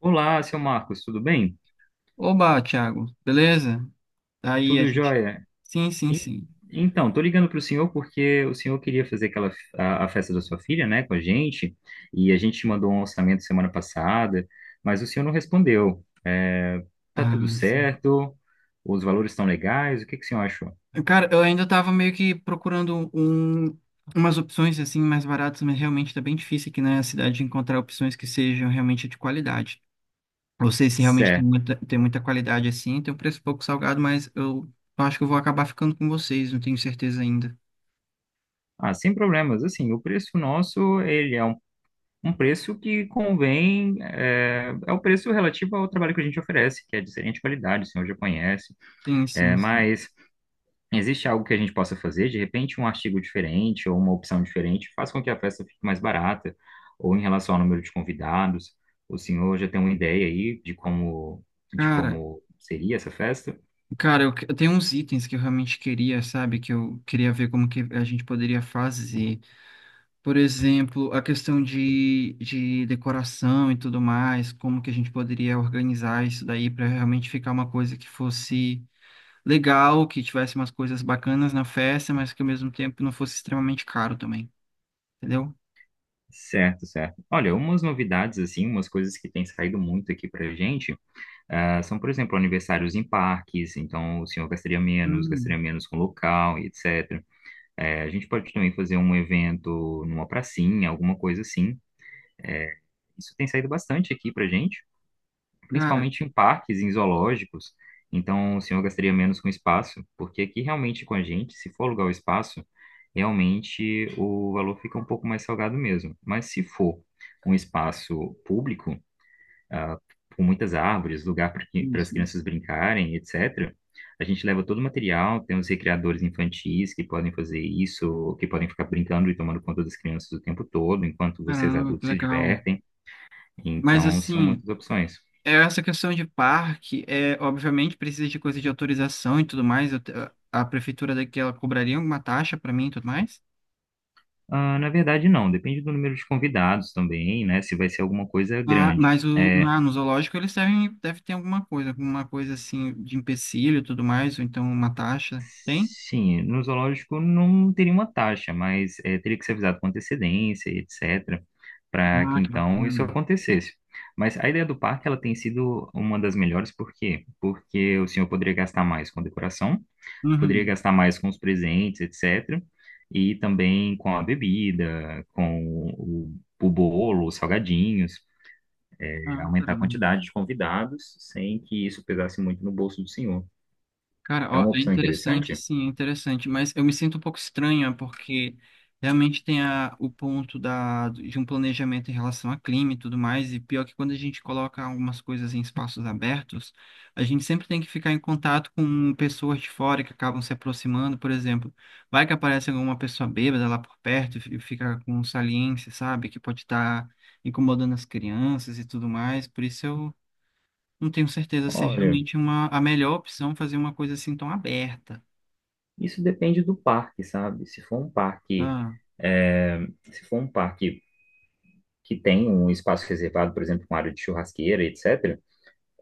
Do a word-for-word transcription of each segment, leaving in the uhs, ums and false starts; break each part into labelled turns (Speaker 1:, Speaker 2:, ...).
Speaker 1: Olá, seu Marcos, tudo bem?
Speaker 2: Oba, Thiago, beleza? Aí a
Speaker 1: Tudo
Speaker 2: gente.
Speaker 1: jóia?
Speaker 2: Sim, sim,
Speaker 1: En-
Speaker 2: sim.
Speaker 1: Então, tô ligando para o senhor porque o senhor queria fazer aquela f- a, a festa da sua filha, né, com a gente, e a gente mandou um orçamento semana passada, mas o senhor não respondeu. É, tá tudo
Speaker 2: Ah, sim.
Speaker 1: certo? Os valores estão legais? O que que o senhor achou?
Speaker 2: Cara, eu ainda tava meio que procurando um, umas opções assim mais baratas, mas realmente tá bem difícil aqui na cidade de encontrar opções que sejam realmente de qualidade. Não sei se realmente tem
Speaker 1: Certo.
Speaker 2: muita, tem muita qualidade assim, tem um preço pouco salgado, mas eu acho que eu vou acabar ficando com vocês, não tenho certeza ainda.
Speaker 1: Ah, sem problemas. Assim, o preço nosso, ele é um, um preço que convém, é, é o preço relativo ao trabalho que a gente oferece, que é de excelente qualidade, o senhor já conhece.
Speaker 2: Sim, sim,
Speaker 1: É,
Speaker 2: sim.
Speaker 1: mas Existe algo que a gente possa fazer? De repente, um artigo diferente ou uma opção diferente faz com que a festa fique mais barata, ou em relação ao número de convidados. O senhor já tem uma ideia aí de como, de
Speaker 2: Cara,
Speaker 1: como seria essa festa?
Speaker 2: cara, eu, que- eu tenho uns itens que eu realmente queria, sabe? Que eu queria ver como que a gente poderia fazer. Por exemplo, a questão de, de decoração e tudo mais, como que a gente poderia organizar isso daí para realmente ficar uma coisa que fosse legal, que tivesse umas coisas bacanas na festa, mas que ao mesmo tempo não fosse extremamente caro também, entendeu?
Speaker 1: Certo, certo. Olha, umas novidades, assim, umas coisas que têm saído muito aqui pra gente, ah, são, por exemplo, aniversários em parques, então o senhor gastaria menos, gastaria
Speaker 2: Hum.
Speaker 1: menos com local e etecétera. Eh, a gente pode também fazer um evento numa pracinha, alguma coisa assim. é, Isso tem saído bastante aqui pra gente,
Speaker 2: Cara,
Speaker 1: principalmente em parques, em zoológicos. Então, o senhor gastaria menos com espaço, porque aqui realmente com a gente, se for alugar o espaço, realmente o valor fica um pouco mais salgado mesmo. Mas se for um espaço público, ah, com muitas árvores, lugar para as
Speaker 2: isso, isso.
Speaker 1: crianças brincarem, etecétera, a gente leva todo o material, tem os recreadores infantis que podem fazer isso, que podem ficar brincando e tomando conta das crianças o tempo todo, enquanto vocês
Speaker 2: Caramba, que
Speaker 1: adultos se
Speaker 2: legal.
Speaker 1: divertem.
Speaker 2: Mas
Speaker 1: Então, são
Speaker 2: assim,
Speaker 1: muitas opções.
Speaker 2: é essa questão de parque, é, obviamente precisa de coisa de autorização e tudo mais. eu te- a prefeitura daqui, ela cobraria alguma taxa para mim e tudo mais?
Speaker 1: Ah, na verdade, não. Depende do número de convidados também, né? Se vai ser alguma coisa
Speaker 2: Ah,
Speaker 1: grande.
Speaker 2: mas o,
Speaker 1: É,
Speaker 2: ah, no zoológico eles devem, deve ter alguma coisa, alguma coisa assim de empecilho e tudo mais, ou então uma taxa. Tem?
Speaker 1: sim, no zoológico não teria uma taxa, mas é, teria que ser avisado com antecedência e etecétera. Para que
Speaker 2: Ah, que
Speaker 1: então isso
Speaker 2: bacana.
Speaker 1: acontecesse. Mas a ideia do parque ela tem sido uma das melhores, por quê? Porque o senhor poderia gastar mais com decoração, poderia
Speaker 2: Uhum.
Speaker 1: gastar mais com os presentes, etecétera. E também com a bebida, com o, o bolo, os salgadinhos.
Speaker 2: Ah,
Speaker 1: É aumentar a
Speaker 2: caramba.
Speaker 1: quantidade de convidados sem que isso pesasse muito no bolso do senhor.
Speaker 2: Cara,
Speaker 1: É
Speaker 2: ó,
Speaker 1: uma
Speaker 2: é
Speaker 1: opção
Speaker 2: interessante,
Speaker 1: interessante?
Speaker 2: sim, é interessante, mas eu me sinto um pouco estranha porque realmente tem a, o ponto da, de um planejamento em relação a clima e tudo mais, e pior que quando a gente coloca algumas coisas em espaços abertos, a gente sempre tem que ficar em contato com pessoas de fora que acabam se aproximando, por exemplo, vai que aparece alguma pessoa bêbada lá por perto e fi- fica com um saliência, sabe, que pode estar incomodando as crianças e tudo mais, por isso eu não tenho certeza se é
Speaker 1: Olha,
Speaker 2: realmente uma, a melhor opção fazer uma coisa assim tão aberta.
Speaker 1: isso depende do parque, sabe? Se for um parque,
Speaker 2: Ah,
Speaker 1: é, se for um parque que tem um espaço reservado, por exemplo, com área de churrasqueira, etecétera,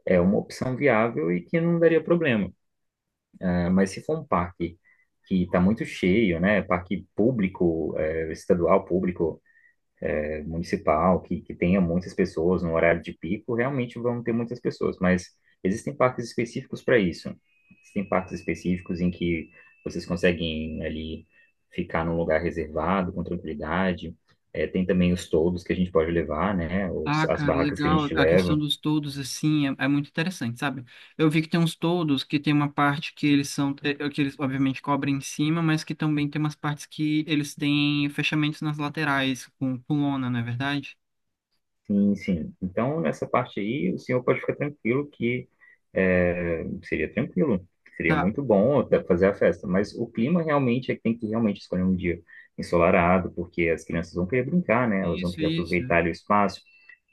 Speaker 1: é uma opção viável e que não daria problema. É, mas se for um parque que está muito cheio, né? Parque público, é, estadual, público, é, municipal, que, que tenha muitas pessoas no horário de pico, realmente vão ter muitas pessoas, mas existem parques específicos para isso. Existem parques específicos em que vocês conseguem ali ficar num lugar reservado com tranquilidade. É, tem também os toldos que a gente pode levar, né? Os,
Speaker 2: ah,
Speaker 1: as
Speaker 2: cara,
Speaker 1: barracas que a
Speaker 2: legal.
Speaker 1: gente
Speaker 2: A questão
Speaker 1: leva.
Speaker 2: dos toldos, assim, é, é muito interessante, sabe? Eu vi que tem uns toldos que tem uma parte que eles são, eh, que eles obviamente cobrem em cima, mas que também tem umas partes que eles têm fechamentos nas laterais, com, com lona, não é verdade?
Speaker 1: Sim, sim. Então, nessa parte aí, o senhor pode ficar tranquilo que é, seria tranquilo, seria
Speaker 2: Tá.
Speaker 1: muito bom até fazer a festa, mas o clima realmente é que tem que realmente escolher um dia ensolarado, porque as crianças vão querer brincar, né? Elas vão
Speaker 2: Isso,
Speaker 1: querer
Speaker 2: isso.
Speaker 1: aproveitar o espaço,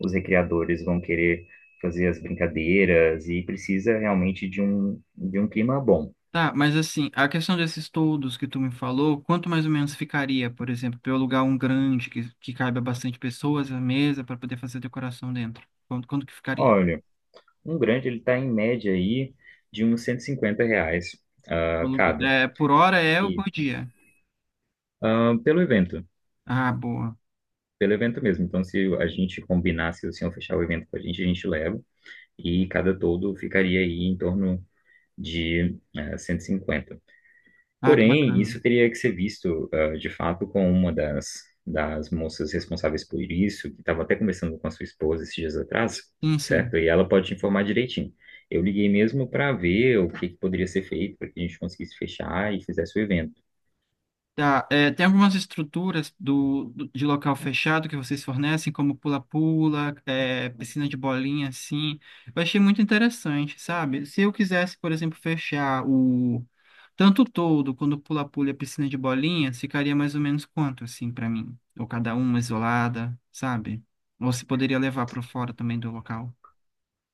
Speaker 1: os recreadores vão querer fazer as brincadeiras e precisa realmente de um, de um clima bom.
Speaker 2: Tá, mas assim, a questão desses todos que tu me falou, quanto mais ou menos ficaria, por exemplo, para eu alugar um grande que, que caiba bastante pessoas, a mesa, para poder fazer decoração dentro? Quanto, quanto que ficaria?
Speaker 1: Olha, um grande ele está em média aí de uns cento e cinquenta reais
Speaker 2: O
Speaker 1: ah,
Speaker 2: aluguel-
Speaker 1: cada.
Speaker 2: É, por hora é ou
Speaker 1: E
Speaker 2: por dia?
Speaker 1: ah, pelo evento.
Speaker 2: Ah, boa.
Speaker 1: Pelo evento mesmo. Então, se a gente combinar, se o senhor fechar o evento com a gente, a gente leva. E cada todo ficaria aí em torno de eh, cento e cinquenta.
Speaker 2: Ah, que
Speaker 1: Porém,
Speaker 2: bacana.
Speaker 1: isso teria que ser visto, eh, de fato, com uma das, das moças responsáveis por isso, que estava até conversando com a sua esposa esses dias atrás,
Speaker 2: Sim, sim.
Speaker 1: certo? E ela pode te informar direitinho. Eu liguei mesmo para ver o que, que poderia ser feito para que a gente conseguisse fechar e fizesse o evento.
Speaker 2: Tá, é, tem algumas estruturas do, do- de local fechado que vocês fornecem, como pula-pula, é, piscina de bolinha, assim. Eu achei muito interessante, sabe? Se eu quisesse, por exemplo, fechar o tanto todo, quando pula-pula e piscina de bolinha, ficaria mais ou menos quanto, assim, para mim? Ou cada uma isolada, sabe? Ou se poderia levar para fora também do local.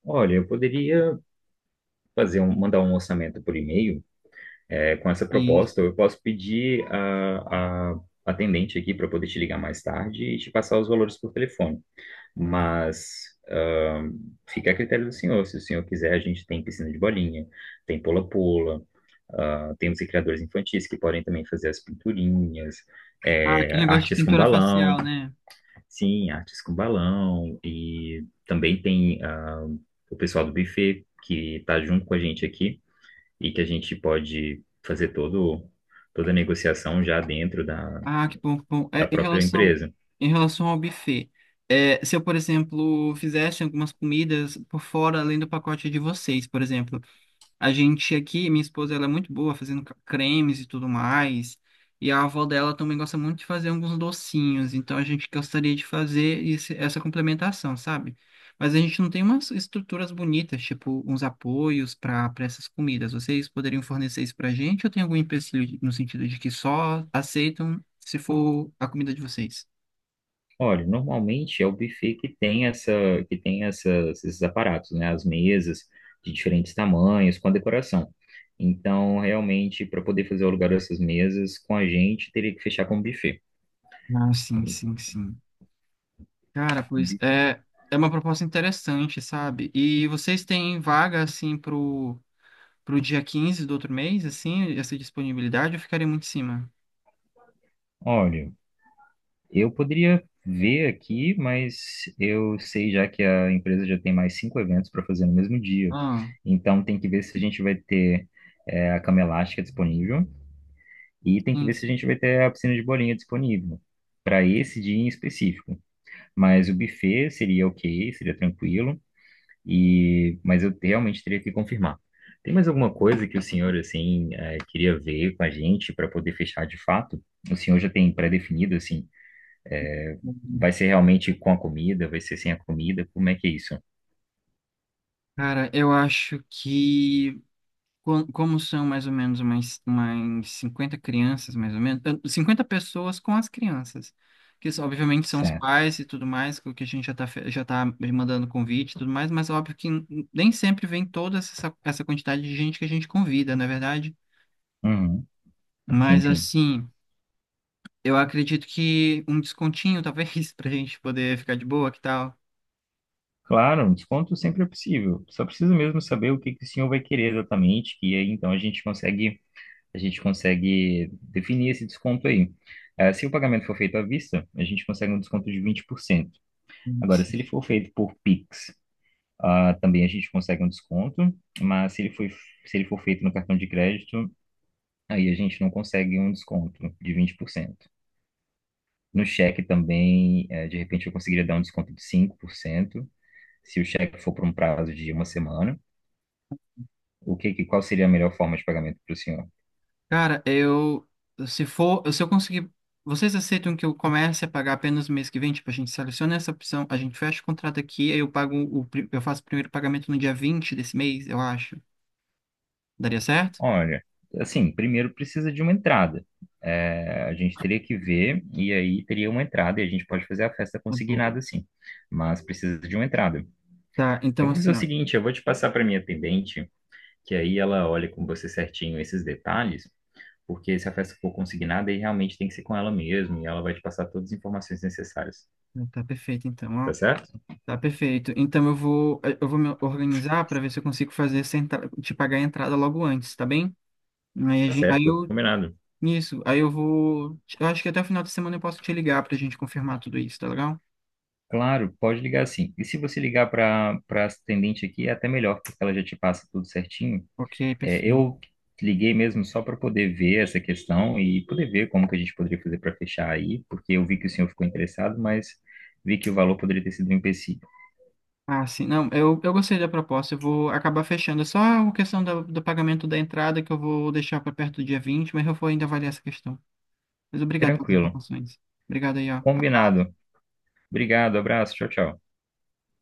Speaker 1: Olha, eu poderia fazer um, mandar um orçamento por e-mail, é, com essa proposta,
Speaker 2: Isso.
Speaker 1: eu posso pedir a, a atendente aqui para poder te ligar mais tarde e te passar os valores por telefone. Mas ah, fica a critério do senhor. Se o senhor quiser, a gente tem piscina de bolinha, tem pula-pula, ah, tem os recreadores infantis que podem também fazer as pinturinhas,
Speaker 2: Ah,
Speaker 1: é,
Speaker 2: aquele negócio de
Speaker 1: artes com
Speaker 2: pintura
Speaker 1: balão,
Speaker 2: facial, né?
Speaker 1: sim, artes com balão, e também tem ah, o pessoal do buffet que está junto com a gente aqui e que a gente pode fazer todo, toda a negociação já dentro da,
Speaker 2: Ah, que bom, que bom.
Speaker 1: da
Speaker 2: É, em
Speaker 1: própria
Speaker 2: relação,
Speaker 1: empresa.
Speaker 2: em relação ao buffet, é, se eu, por exemplo, fizesse algumas comidas por fora, além do pacote de vocês, por exemplo, a gente aqui, minha esposa, ela é muito boa fazendo ca- cremes e tudo mais. E a avó dela também gosta muito de fazer alguns docinhos. Então a gente gostaria de fazer esse- essa complementação, sabe? Mas a gente não tem umas estruturas bonitas, tipo uns apoios para para essas comidas. Vocês poderiam fornecer isso pra gente ou tem algum empecilho no sentido de que só aceitam se for a comida de vocês?
Speaker 1: Olha, normalmente é o buffet que tem essa, que tem essas, esses aparatos, né? As mesas de diferentes tamanhos, com a decoração. Então, realmente, para poder fazer o lugar dessas mesas com a gente, teria que fechar com o buffet.
Speaker 2: Ah, sim, sim, sim. Cara, pois é, é uma proposta interessante, sabe? E vocês têm vaga assim pro pro dia quinze do outro mês, assim, essa disponibilidade, eu ficaria muito em cima.
Speaker 1: Olha, eu poderia ver aqui, mas eu sei já que a empresa já tem mais cinco eventos para fazer no mesmo dia.
Speaker 2: Ah,
Speaker 1: Então tem que ver se a gente vai ter é, a cama elástica disponível e tem que
Speaker 2: sim,
Speaker 1: ver se a
Speaker 2: sim.
Speaker 1: gente vai ter a piscina de bolinha disponível para esse dia em específico. Mas o buffet seria ok, seria tranquilo. E mas eu realmente teria que confirmar. Tem mais alguma coisa que o senhor assim eh, queria ver com a gente para poder fechar de fato? O senhor já tem pré-definido assim? Vai ser realmente com a comida? Vai ser sem a comida? Como é que é isso?
Speaker 2: Cara, eu acho que co- como são mais ou menos umas, umas cinquenta crianças, mais ou menos, eh, 50 pessoas com as crianças, que isso, obviamente são os
Speaker 1: Certo.
Speaker 2: pais e tudo mais, que a gente já tá, fe- já tá mandando convite e tudo mais, mas óbvio que n- nem sempre vem toda essa, essa quantidade de gente que a gente convida, não é verdade?
Speaker 1: Uhum. Sim,
Speaker 2: Mas
Speaker 1: sim.
Speaker 2: assim. Eu acredito que um descontinho, talvez, pra gente poder ficar de boa, que tal?
Speaker 1: Claro, um desconto sempre é possível. Só precisa mesmo saber o que que o senhor vai querer exatamente, que aí então a gente consegue, a gente consegue definir esse desconto aí. Eh, se o pagamento for feito à vista, a gente consegue um desconto de vinte por cento. Agora,
Speaker 2: Sim.
Speaker 1: se ele for feito por Pix, ah, também a gente consegue um desconto, mas se ele foi, se ele for feito no cartão de crédito, aí a gente não consegue um desconto de vinte por cento. No cheque também, eh, de repente, eu conseguiria dar um desconto de cinco por cento se o cheque for por um prazo de uma semana. O que, que- qual seria a melhor forma de pagamento para o senhor?
Speaker 2: Cara, eu. Se for. Se eu conseguir. Vocês aceitam que eu comece a pagar apenas mês que vem? Tipo, a gente seleciona essa opção, a gente fecha o contrato aqui, aí eu pago o. pri- Eu faço o primeiro pagamento no dia vinte desse mês, eu acho. Daria certo?
Speaker 1: Olha, assim, primeiro precisa de uma entrada. Eh, a gente teria que ver, e aí teria uma entrada, e a gente pode fazer a festa
Speaker 2: Tá bom.
Speaker 1: consignada, sim. Mas precisa de uma entrada.
Speaker 2: Tá,
Speaker 1: Eu
Speaker 2: então
Speaker 1: vou fazer
Speaker 2: assim,
Speaker 1: o
Speaker 2: ó.
Speaker 1: seguinte, eu vou te passar para minha atendente, que aí ela olha com você certinho esses detalhes, porque se a festa for consignada, aí realmente tem que ser com ela mesmo, e ela vai te passar todas as informações necessárias.
Speaker 2: Tá perfeito, então, ó.
Speaker 1: Tá certo?
Speaker 2: Tá perfeito. Então eu vou, eu vou me organizar para ver se eu consigo fazer essa entrada, te pagar a entrada logo antes, tá bem? Aí, a
Speaker 1: Tá
Speaker 2: gente, aí
Speaker 1: certo,
Speaker 2: eu.
Speaker 1: combinado.
Speaker 2: Isso, aí eu vou. Eu acho que até o final da semana eu posso te ligar pra gente confirmar tudo isso, tá legal?
Speaker 1: Claro, pode ligar sim. E se você ligar para para atendente aqui, é até melhor, porque ela já te passa tudo certinho.
Speaker 2: Ok,
Speaker 1: É,
Speaker 2: perfeito.
Speaker 1: eu liguei mesmo só para poder ver essa questão e poder ver como que a gente poderia fazer para fechar aí, porque eu vi que o senhor ficou interessado, mas vi que o valor poderia ter sido um empecilho.
Speaker 2: Ah, sim, não, eu, eu gostei da proposta, eu vou acabar fechando. É só a questão da- do pagamento da entrada que eu vou deixar para perto do dia vinte, mas eu vou ainda avaliar essa questão. Mas obrigado pelas
Speaker 1: Tranquilo.
Speaker 2: informações. Obrigado aí, ó.
Speaker 1: Combinado. Obrigado, abraço, tchau, tchau.